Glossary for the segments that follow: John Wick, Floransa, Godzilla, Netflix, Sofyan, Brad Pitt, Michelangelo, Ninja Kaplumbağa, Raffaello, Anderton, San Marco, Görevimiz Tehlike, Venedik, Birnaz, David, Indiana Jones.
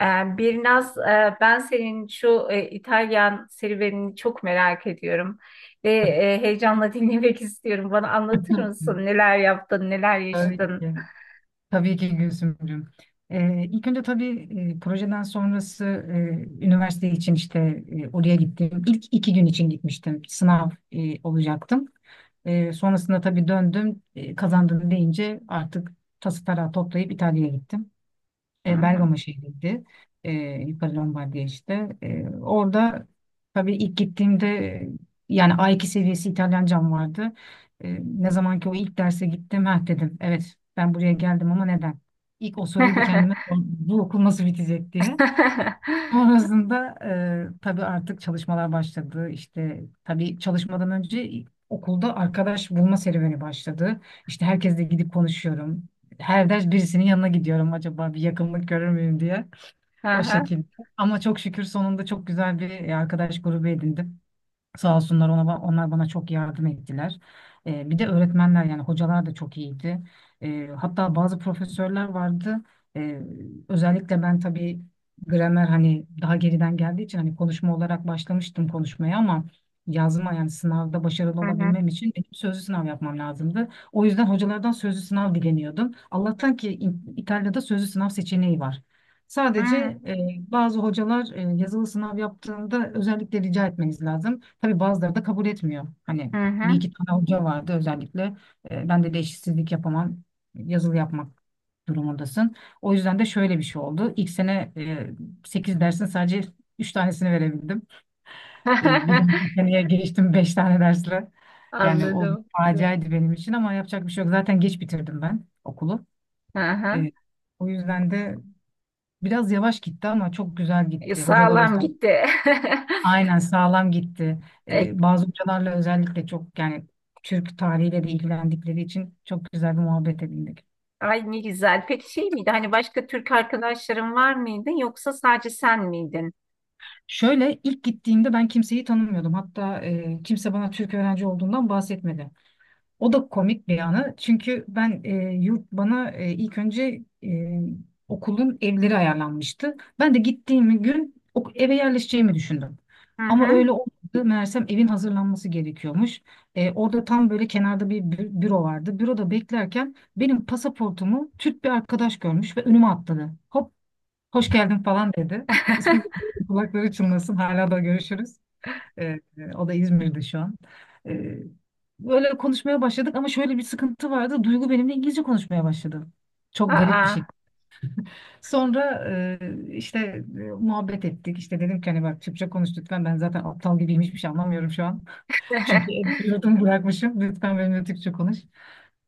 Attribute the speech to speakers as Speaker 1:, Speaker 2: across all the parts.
Speaker 1: Birnaz, ben senin şu İtalyan serüvenini çok merak ediyorum ve heyecanla dinlemek istiyorum. Bana anlatır mısın? Neler yaptın, neler
Speaker 2: Tabii
Speaker 1: yaşadın?
Speaker 2: ki. Tabii ki Gülsümcüğüm. İlk önce tabii, projeden sonrası, üniversite için işte oraya gittim. İlk iki gün için gitmiştim. Sınav, olacaktım. Sonrasında tabii döndüm. Kazandım deyince artık tası tarağı toplayıp İtalya'ya gittim.
Speaker 1: Hı
Speaker 2: E,
Speaker 1: hı.
Speaker 2: Bergama şehriydi. E, Yukarı Lombardiya işte. Orada tabii ilk gittiğimde, yani A2 seviyesi İtalyancam vardı. Ne zaman ki o ilk derse gittim, ha dedim. Evet, ben buraya geldim ama neden? İlk o soruyu bir kendime sordum. Bu okul nasıl bitecek diye. Sonrasında tabii artık çalışmalar başladı. İşte tabii çalışmadan önce okulda arkadaş bulma serüveni başladı. İşte herkesle gidip konuşuyorum. Her ders birisinin yanına gidiyorum, acaba bir yakınlık görür müyüm diye.
Speaker 1: Hı
Speaker 2: O
Speaker 1: hı.
Speaker 2: şekilde. Ama çok şükür sonunda çok güzel bir arkadaş grubu edindim. Sağ olsunlar, ona, onlar bana çok yardım ettiler. Bir de öğretmenler, yani hocalar da çok iyiydi. Hatta bazı profesörler vardı. Ee, özellikle ben tabii gramer, hani daha geriden geldiği için, hani konuşma olarak başlamıştım konuşmaya ama yazma, yani sınavda başarılı
Speaker 1: Hı hı.
Speaker 2: olabilmem için benim sözlü sınav yapmam lazımdı. O yüzden hocalardan sözlü sınav dileniyordum. Allah'tan ki İtalya'da sözlü sınav seçeneği var. Sadece e, bazı hocalar yazılı sınav yaptığında özellikle rica etmeniz lazım. Tabii bazıları da kabul etmiyor. Hani
Speaker 1: Hı hı.
Speaker 2: bir iki tane hoca vardı özellikle. Ben de eşitsizlik yapamam. Yazılı yapmak durumundasın. O yüzden de şöyle bir şey oldu. İlk sene 8 dersin sadece 3 tanesini verebildim. Bir dahaki seneye geçtim 5 tane dersle. Yani o bir
Speaker 1: Anladım.
Speaker 2: faciaydı benim için ama yapacak bir şey yok. Zaten geç bitirdim ben okulu.
Speaker 1: Hı hı.
Speaker 2: E, o yüzden de biraz yavaş gitti ama çok güzel gitti. Hocalar. Evet,
Speaker 1: Sağlam
Speaker 2: özel.
Speaker 1: gitti.
Speaker 2: Aynen, sağlam gitti.
Speaker 1: E,
Speaker 2: Bazı hocalarla özellikle çok, yani Türk tarihiyle de ilgilendikleri için çok güzel bir muhabbet edindik.
Speaker 1: Ay ne güzel. Peki şey miydi? Hani başka Türk arkadaşların var mıydı yoksa sadece sen miydin?
Speaker 2: Şöyle ilk gittiğimde ben kimseyi tanımıyordum. Hatta, kimse bana Türk öğrenci olduğundan bahsetmedi. O da komik bir yanı. Çünkü ben, yurt bana, ilk önce, okulun evleri ayarlanmıştı. Ben de gittiğim gün eve yerleşeceğimi düşündüm.
Speaker 1: Hı
Speaker 2: Ama
Speaker 1: hı.
Speaker 2: öyle olmadı. Meğersem evin hazırlanması gerekiyormuş. Orada tam böyle kenarda bir büro vardı. Büroda beklerken benim pasaportumu Türk bir arkadaş görmüş ve önüme atladı. Hop, hoş geldin falan dedi. İsmi de- Kulakları çınlasın. Hala da görüşürüz. Ee, o da İzmir'de şu an. Ee, böyle konuşmaya başladık ama şöyle bir sıkıntı vardı. Duygu benimle İngilizce konuşmaya başladı. Çok garip bir
Speaker 1: Aa.
Speaker 2: şey. Sonra işte muhabbet ettik. İşte dedim ki, hani bak Türkçe konuş lütfen. Ben zaten aptal gibiyim, hiçbir şey anlamıyorum şu an. Çünkü yurdum bırakmışım. Lütfen benimle Türkçe konuş.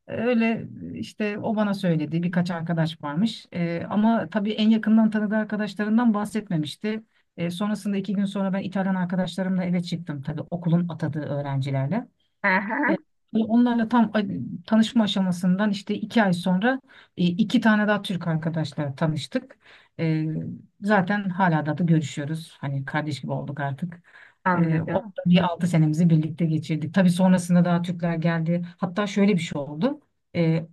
Speaker 2: Öyle işte, o bana söyledi, birkaç arkadaş varmış. Ama tabii en yakından tanıdığı arkadaşlarından bahsetmemişti. Sonrasında iki gün sonra ben İtalyan arkadaşlarımla eve çıktım, tabii okulun atadığı öğrencilerle.
Speaker 1: Aha,
Speaker 2: E, Onlarla tam tanışma aşamasından işte iki ay sonra, iki tane daha Türk arkadaşla tanıştık. E, zaten hala da görüşüyoruz. Hani kardeş gibi olduk artık. Orada
Speaker 1: anladım.
Speaker 2: bir altı senemizi birlikte geçirdik. Tabii sonrasında daha Türkler geldi. Hatta şöyle bir şey oldu. E,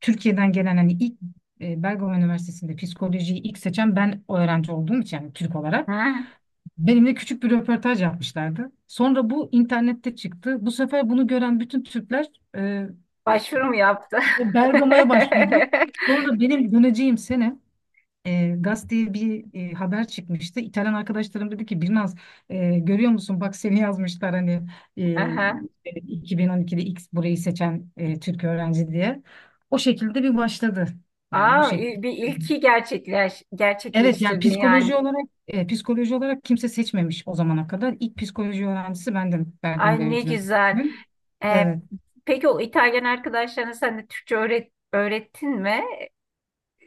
Speaker 2: Türkiye'den gelen, hani ilk, Bergama Üniversitesi'nde psikolojiyi ilk seçen ben öğrenci olduğum için, yani Türk olarak.
Speaker 1: Hı.
Speaker 2: Benimle küçük bir röportaj yapmışlardı. Sonra bu internette çıktı. Bu sefer bunu gören bütün Türkler, e,
Speaker 1: Başvuru mu yaptı?
Speaker 2: Bergama'ya başvurdu. Sonra benim döneceğim sene, gazeteye bir haber çıkmıştı. İtalyan arkadaşlarım dedi ki, Birnaz, görüyor musun, bak seni yazmışlar, hani, e,
Speaker 1: Aha.
Speaker 2: 2012'de X burayı seçen Türk öğrenci diye. O şekilde bir başladı. Yani bu
Speaker 1: Aa,
Speaker 2: şekilde.
Speaker 1: bir ilki
Speaker 2: Evet, yani
Speaker 1: gerçekleştirdin yani.
Speaker 2: psikoloji olarak kimse seçmemiş o zamana kadar. İlk psikoloji öğrencisi bendim,
Speaker 1: Ay
Speaker 2: Bergama
Speaker 1: ne
Speaker 2: Devlet
Speaker 1: güzel.
Speaker 2: Üniversitesi'nin.
Speaker 1: Ee,
Speaker 2: Evet.
Speaker 1: peki o İtalyan arkadaşlarına sen de Türkçe öğrettin mi?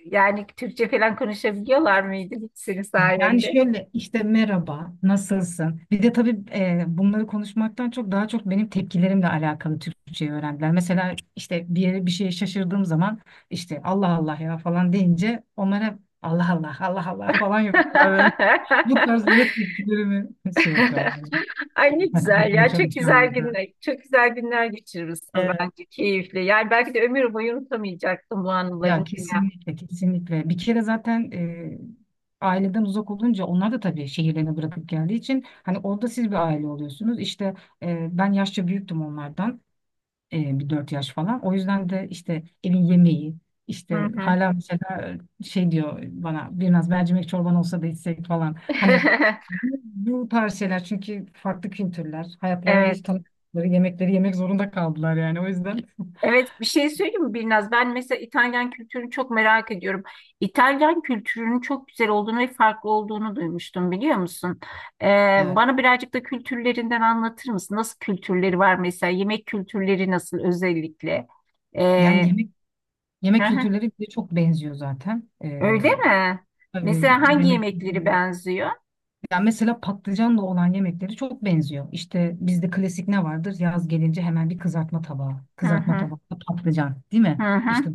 Speaker 1: Yani Türkçe falan konuşabiliyorlar mıydı hiç senin
Speaker 2: Yani
Speaker 1: sayende?
Speaker 2: şöyle işte, merhaba, nasılsın? Bir de tabii, bunları konuşmaktan çok daha çok benim tepkilerimle alakalı Türkçeyi öğrendiler. Mesela işte bir yere bir şeye şaşırdığım zaman işte Allah Allah ya falan deyince, onlara Allah Allah Allah Allah falan yapıyorlar böyle. Bu tarz böyle tepkilerimi şey yapıyorlar.
Speaker 1: Ay ne
Speaker 2: Takip
Speaker 1: güzel
Speaker 2: etmeye
Speaker 1: ya. Çok güzel
Speaker 2: çalışıyorlardı.
Speaker 1: günler. Çok güzel günler geçirmişsin
Speaker 2: Evet.
Speaker 1: bence. Keyifli. Yani belki de ömür boyu unutamayacaksın bu anılarını,
Speaker 2: Ya
Speaker 1: değil mi ya?
Speaker 2: kesinlikle, kesinlikle. Bir kere zaten, aileden uzak olunca, onlar da tabii şehirlerini bırakıp geldiği için hani orada siz bir aile oluyorsunuz. İşte, ben yaşça büyüktüm onlardan, bir dört yaş falan. O yüzden de işte evin yemeği,
Speaker 1: Hı
Speaker 2: işte
Speaker 1: hı.
Speaker 2: hala mesela şey diyor bana, biraz mercimek çorban olsa da içsek falan. Hani bu tarz şeyler, çünkü farklı kültürler, hayatlarında
Speaker 1: Evet.
Speaker 2: hiç tanıdıkları yemekleri yemek zorunda kaldılar, yani o yüzden.
Speaker 1: Evet bir şey söyleyeyim mi Birnaz? Ben mesela İtalyan kültürünü çok merak ediyorum. İtalyan kültürünün çok güzel olduğunu ve farklı olduğunu duymuştum, biliyor musun? Ee,
Speaker 2: Evet.
Speaker 1: bana birazcık da kültürlerinden anlatır mısın? Nasıl kültürleri var mesela? Yemek kültürleri nasıl özellikle?
Speaker 2: Yani
Speaker 1: Ee,
Speaker 2: yemek
Speaker 1: hı
Speaker 2: yemek
Speaker 1: hı.
Speaker 2: kültürleri bize çok benziyor zaten. Ee,
Speaker 1: Öyle mi?
Speaker 2: tabii
Speaker 1: Mesela hangi
Speaker 2: yemek kültürü.
Speaker 1: yemekleri benziyor?
Speaker 2: Yani mesela patlıcanla olan yemekleri çok benziyor. İşte bizde klasik ne vardır? Yaz gelince hemen bir kızartma tabağı.
Speaker 1: Hı
Speaker 2: Kızartma
Speaker 1: hı,
Speaker 2: tabakta patlıcan, değil
Speaker 1: hı
Speaker 2: mi? İşte
Speaker 1: hı.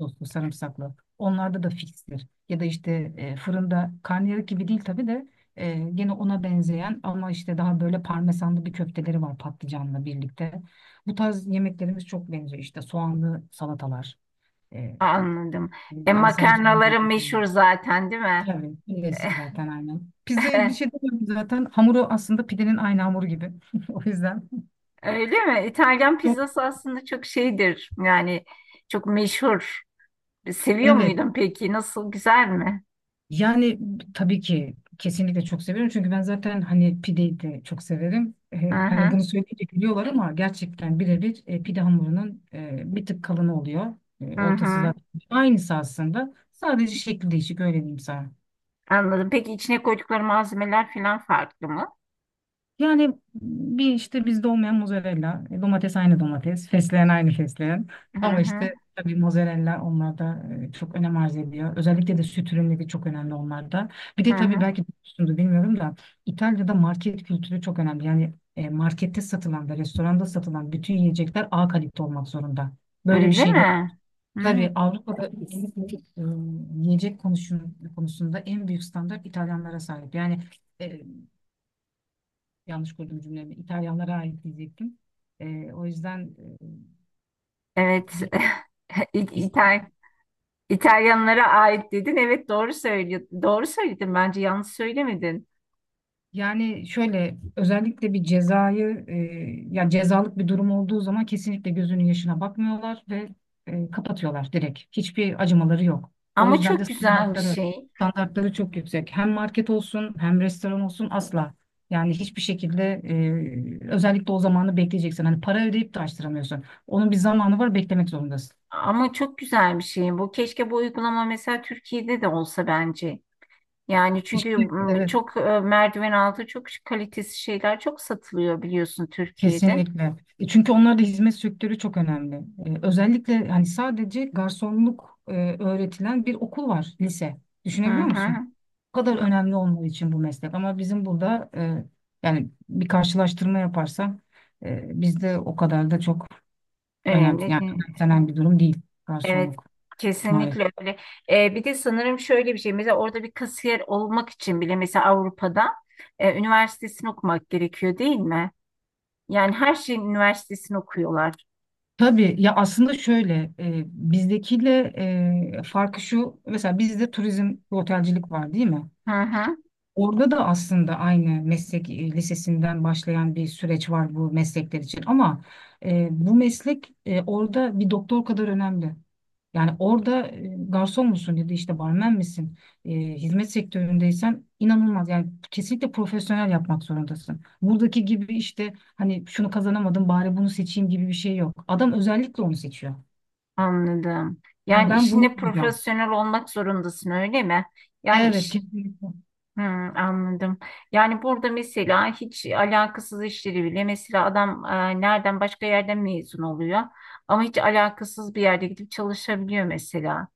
Speaker 2: soslu, sarımsaklı. Onlarda da fikstir. Ya da işte fırında karnıyarık gibi değil tabii de, gene ona benzeyen ama işte daha böyle parmesanlı bir köfteleri var patlıcanla birlikte. Bu tarz yemeklerimiz çok benziyor. İşte soğanlı salatalar. e,
Speaker 1: Anladım. E,
Speaker 2: Yani sarımsaklı
Speaker 1: makarnaları
Speaker 2: gerekiyor.
Speaker 1: meşhur zaten değil mi?
Speaker 2: Tabii. Klasik zaten aynen. Pizzayı bir şey demiyorum zaten. Hamuru aslında pidenin aynı hamuru gibi. O yüzden.
Speaker 1: Öyle mi? İtalyan
Speaker 2: Çok,
Speaker 1: pizzası aslında çok şeydir. Yani çok meşhur. Seviyor
Speaker 2: evet.
Speaker 1: muydun peki? Nasıl? Güzel mi?
Speaker 2: Yani tabii ki kesinlikle çok severim. Çünkü ben zaten hani pideyi de çok severim. E,
Speaker 1: Hı
Speaker 2: hani
Speaker 1: hı.
Speaker 2: bunu söyleyince biliyorlar ama gerçekten birebir pide hamurunun bir tık kalını oluyor. E,
Speaker 1: Hı
Speaker 2: ortası
Speaker 1: hı.
Speaker 2: zaten aynısı aslında. Sadece şekli değişik, öyle diyeyim sana.
Speaker 1: Anladım. Peki içine koydukları malzemeler falan farklı mı?
Speaker 2: Yani bir işte bizde olmayan mozzarella, domates aynı domates, fesleğen aynı fesleğen.
Speaker 1: Hı
Speaker 2: Ama
Speaker 1: hı.
Speaker 2: işte tabii mozzarella onlarda çok önem arz ediyor. Özellikle de süt ürünleri çok önemli onlarda. Bir
Speaker 1: Hı
Speaker 2: de tabii
Speaker 1: hı.
Speaker 2: belki duymuşsundur bilmiyorum da, İtalya'da market kültürü çok önemli. Yani, markette satılan ve restoranda satılan bütün yiyecekler A kalite olmak zorunda. Böyle bir
Speaker 1: Öyle
Speaker 2: şeyler
Speaker 1: mi? Hı.
Speaker 2: tabii Avrupa'da özellikle, yiyecek konusunda en büyük standart İtalyanlara sahip. Yani, e, yanlış kurdum cümlemi. İtalyanlara ait diyecektim. O yüzden,
Speaker 1: Evet.
Speaker 2: bir,
Speaker 1: İ-
Speaker 2: biz-
Speaker 1: İtal İtalyanlara ait dedin. Evet doğru söylüyorsun. Doğru söyledin bence. Yanlış söylemedin.
Speaker 2: yani şöyle özellikle bir cezayı, ya cezalık bir durum olduğu zaman kesinlikle gözünün yaşına bakmıyorlar ve, kapatıyorlar direkt. Hiçbir acımaları yok. O
Speaker 1: Ama
Speaker 2: yüzden de
Speaker 1: çok güzel bir
Speaker 2: standartları
Speaker 1: şey.
Speaker 2: standartları çok yüksek. Hem market olsun hem restoran olsun, asla. Yani hiçbir şekilde, özellikle o zamanı bekleyeceksin. Hani para ödeyip de açtıramıyorsun. Onun bir zamanı var, beklemek zorundasın.
Speaker 1: Ama çok güzel bir şey. Bu keşke bu uygulama mesela Türkiye'de de olsa bence. Yani
Speaker 2: İşte,
Speaker 1: çünkü
Speaker 2: evet.
Speaker 1: çok merdiven altı çok kalitesiz şeyler çok satılıyor, biliyorsun Türkiye'de.
Speaker 2: Kesinlikle. Çünkü onlarda hizmet sektörü çok önemli. Özellikle hani sadece garsonluk öğretilen bir okul var, lise.
Speaker 1: Hı
Speaker 2: Düşünebiliyor musun?
Speaker 1: hı.
Speaker 2: Bu kadar önemli olmadığı için bu meslek. Ama bizim burada, yani bir karşılaştırma yaparsam, bizde o kadar da çok önemli,
Speaker 1: Önemli
Speaker 2: yani
Speaker 1: değil.
Speaker 2: önemsenen bir durum değil
Speaker 1: Evet.
Speaker 2: garsonluk, maalesef.
Speaker 1: Kesinlikle öyle. Bir de sanırım şöyle bir şey. Mesela orada bir kasiyer olmak için bile mesela Avrupa'da üniversitesini okumak gerekiyor değil mi? Yani her şeyin üniversitesini okuyorlar.
Speaker 2: Tabii ya, aslında şöyle, bizdekiyle, farkı şu, mesela bizde turizm ve otelcilik var değil mi?
Speaker 1: Hı hı.
Speaker 2: Orada da aslında aynı meslek, lisesinden başlayan bir süreç var bu meslekler için ama, bu meslek, orada bir doktor kadar önemli. Yani orada, garson musun ya da işte barmen misin, e, hizmet sektöründeysen inanılmaz. Yani kesinlikle profesyonel yapmak zorundasın. Buradaki gibi işte, hani şunu kazanamadım, bari bunu seçeyim gibi bir şey yok. Adam özellikle onu seçiyor.
Speaker 1: Anladım.
Speaker 2: Yani
Speaker 1: Yani
Speaker 2: ben bunu
Speaker 1: işinde
Speaker 2: yapacağım.
Speaker 1: profesyonel olmak zorundasın öyle mi? Yani
Speaker 2: Evet,
Speaker 1: iş
Speaker 2: kesinlikle.
Speaker 1: Hmm, anladım. Yani burada mesela hiç alakasız işleri bile mesela adam nereden başka yerden mezun oluyor ama hiç alakasız bir yerde gidip çalışabiliyor mesela.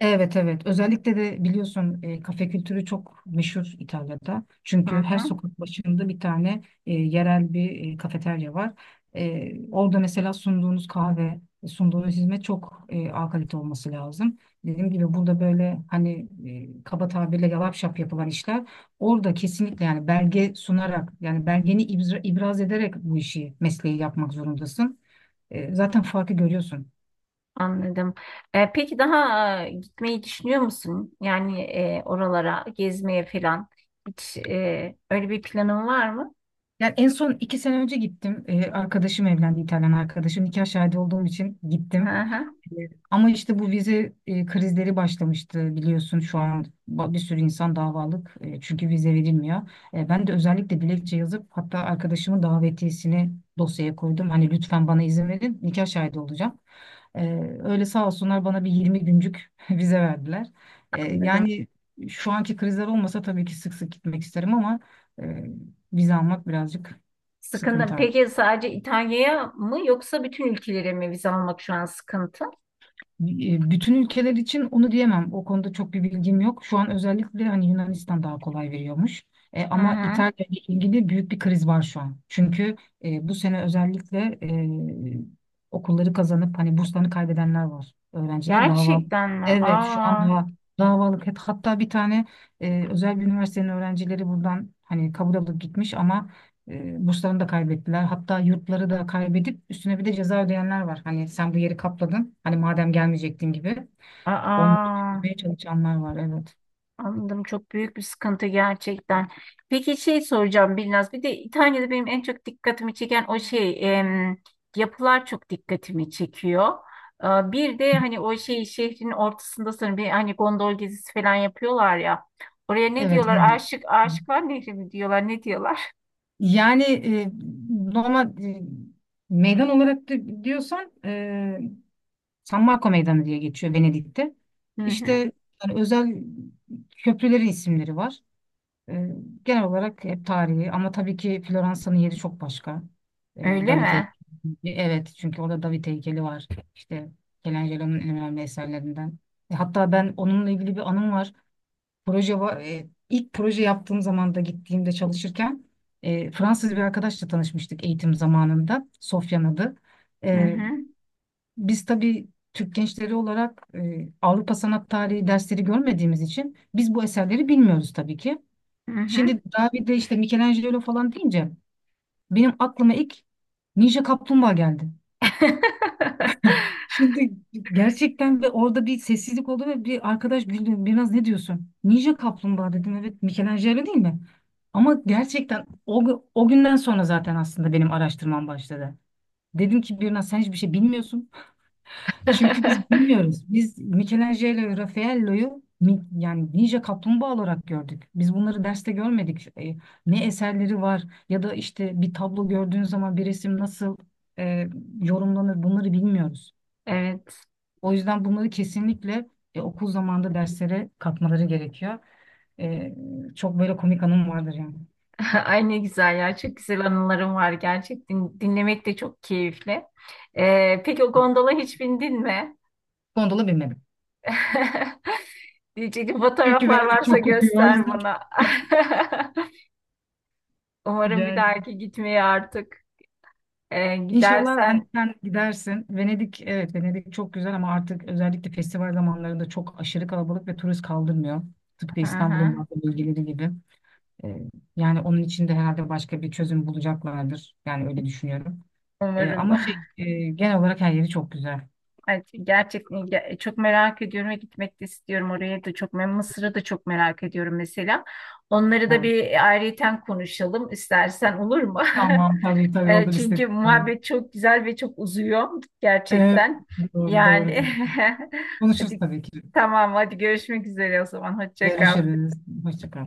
Speaker 2: Evet evet, özellikle de biliyorsun kafe kültürü çok meşhur İtalya'da.
Speaker 1: Hı
Speaker 2: Çünkü her
Speaker 1: hı,
Speaker 2: sokak başında bir tane yerel bir kafeterya var. Orada mesela sunduğunuz kahve, sunduğunuz hizmet çok A kalite olması lazım. Dediğim gibi burada böyle hani kaba tabirle yalap şap yapılan işler orada kesinlikle, yani belge sunarak, yani belgeni ibraz ederek bu işi, mesleği yapmak zorundasın. Zaten farkı görüyorsun.
Speaker 1: anladım. Peki daha gitmeyi düşünüyor musun? Yani oralara gezmeye falan hiç öyle bir planın var mı?
Speaker 2: Yani en son iki sene önce gittim. Arkadaşım evlendi, İtalyan arkadaşım. Nikah şahidi olduğum için
Speaker 1: Hı
Speaker 2: gittim.
Speaker 1: hı,
Speaker 2: Ee, Ama işte bu vize krizleri başlamıştı biliyorsun, şu an bir sürü insan davalık. Çünkü vize verilmiyor. Ben de özellikle dilekçe yazıp hatta arkadaşımın davetiyesini dosyaya koydum. Hani lütfen bana izin verin, nikah şahidi olacağım. E, öyle sağ olsunlar, bana bir 20 güncük vize verdiler. E,
Speaker 1: anladım.
Speaker 2: yani şu anki krizler olmasa tabii ki sık sık gitmek isterim ama... e, vize almak birazcık
Speaker 1: Sıkıntı.
Speaker 2: sıkıntı artık.
Speaker 1: Peki sadece İtalya'ya mı yoksa bütün ülkelere mi vize almak şu an sıkıntı?
Speaker 2: Bütün ülkeler için onu diyemem. O konuda çok bir bilgim yok. Şu an özellikle hani Yunanistan daha kolay veriyormuş. E,
Speaker 1: Hı
Speaker 2: ama
Speaker 1: hı.
Speaker 2: İtalya ile ilgili büyük bir kriz var şu an. Çünkü bu sene özellikle e, okulları kazanıp hani burslarını kaybedenler var. Öğrenciler dava.
Speaker 1: Gerçekten mi?
Speaker 2: Evet, şu an
Speaker 1: Aa,
Speaker 2: daha davalık. Hatta bir tane özel bir üniversitenin öğrencileri buradan hani kabul alıp gitmiş ama burslarını da kaybettiler. Hatta yurtları da kaybedip üstüne bir de ceza ödeyenler var. Hani sen bu yeri kapladın, hani madem gelmeyecektin gibi. Onları
Speaker 1: aa,
Speaker 2: çözmeye çalışanlar var. Evet.
Speaker 1: anladım. Çok büyük bir sıkıntı gerçekten. Peki şey soracağım Bilnaz. Bir de İtalya'da benim en çok dikkatimi çeken o şey yapılar çok dikkatimi çekiyor. Aa, bir de hani o şey şehrin ortasında sanırım bir hani gondol gezisi falan yapıyorlar ya. Oraya ne
Speaker 2: Evet.
Speaker 1: diyorlar?
Speaker 2: Ben.
Speaker 1: Aşık Aşıklar Nehri mi diyorlar? Ne diyorlar?
Speaker 2: Yani normal meydan olarak diyorsan, San Marco Meydanı diye geçiyor Venedik'te.
Speaker 1: Hı hı.
Speaker 2: İşte yani özel köprülerin isimleri var. E, genel olarak hep tarihi ama tabii ki Floransa'nın yeri çok başka. E,
Speaker 1: Öyle
Speaker 2: David
Speaker 1: mi?
Speaker 2: heykeli. Evet, çünkü orada David heykeli var. İşte Michelangelo'nun en önemli eserlerinden. Hatta ben onunla ilgili bir anım var. Proje var. E, ilk proje yaptığım zaman da gittiğimde çalışırken, Fransız bir arkadaşla tanışmıştık eğitim zamanında. Sofyan adı.
Speaker 1: Hı
Speaker 2: E,
Speaker 1: hı.
Speaker 2: biz tabii Türk gençleri olarak, Avrupa sanat tarihi dersleri görmediğimiz için biz bu eserleri bilmiyoruz tabii ki.
Speaker 1: Hı hı.
Speaker 2: Şimdi David'de işte Michelangelo falan deyince benim aklıma ilk Ninja Kaplumbağa geldi. Şimdi gerçekten, ve orada bir sessizlik oldu ve bir arkadaş güldü. Biraz ne diyorsun? Ninja Kaplumbağa dedim. Evet, Michelangelo değil mi? Ama gerçekten o, o günden sonra zaten aslında benim araştırmam başladı. Dedim ki, Birna sen hiçbir şey bilmiyorsun. Çünkü biz bilmiyoruz. Biz Michelangelo ve Raffaello'yu yani Ninja Kaplumbağa olarak gördük. Biz bunları derste görmedik. Ne eserleri var ya da işte bir tablo gördüğün zaman, bir resim nasıl e, yorumlanır, bunları bilmiyoruz.
Speaker 1: Evet.
Speaker 2: O yüzden bunları kesinlikle okul zamanında derslere katmaları gerekiyor. E, çok böyle komik anım vardır yani.
Speaker 1: Ay ne güzel ya. Çok güzel anılarım var gerçekten. Dinlemek de çok keyifli. Peki o gondola hiç bindin mi?
Speaker 2: Gondola binmedim.
Speaker 1: Diyecektim,
Speaker 2: Çünkü
Speaker 1: fotoğraflar
Speaker 2: Venedik
Speaker 1: varsa
Speaker 2: çok kokuyor, o
Speaker 1: göster
Speaker 2: yüzden.
Speaker 1: bana. Umarım bir
Speaker 2: Yani,
Speaker 1: dahaki gitmeye artık
Speaker 2: İnşallah hani
Speaker 1: gidersen.
Speaker 2: sen gidersin. Venedik, evet, Venedik çok güzel ama artık özellikle festival zamanlarında çok aşırı kalabalık ve turist kaldırmıyor. Tıpkı
Speaker 1: Hı
Speaker 2: İstanbul'un
Speaker 1: hı.
Speaker 2: bazı bölgeleri gibi. Ee, yani onun için de herhalde başka bir çözüm bulacaklardır. Yani öyle düşünüyorum. Ee,
Speaker 1: Umarım.
Speaker 2: ama şey, genel olarak her yeri çok güzel.
Speaker 1: Ay, çok merak ediyorum ve gitmek de istiyorum oraya da çok. Ben Mısır'ı da çok merak ediyorum mesela. Onları da
Speaker 2: Evet.
Speaker 1: bir ayrıyeten konuşalım istersen, olur mu?
Speaker 2: Tamam, tabii tabii
Speaker 1: E,
Speaker 2: olur,
Speaker 1: çünkü
Speaker 2: istedim. Tamam.
Speaker 1: muhabbet çok güzel ve çok uzuyor
Speaker 2: Evet,
Speaker 1: gerçekten.
Speaker 2: doğru doğru
Speaker 1: Yani
Speaker 2: diyorsun. Konuşuruz
Speaker 1: hadi
Speaker 2: tabii ki.
Speaker 1: tamam, hadi görüşmek üzere o zaman. Hoşça kal.
Speaker 2: Görüşürüz. Hoşça kal.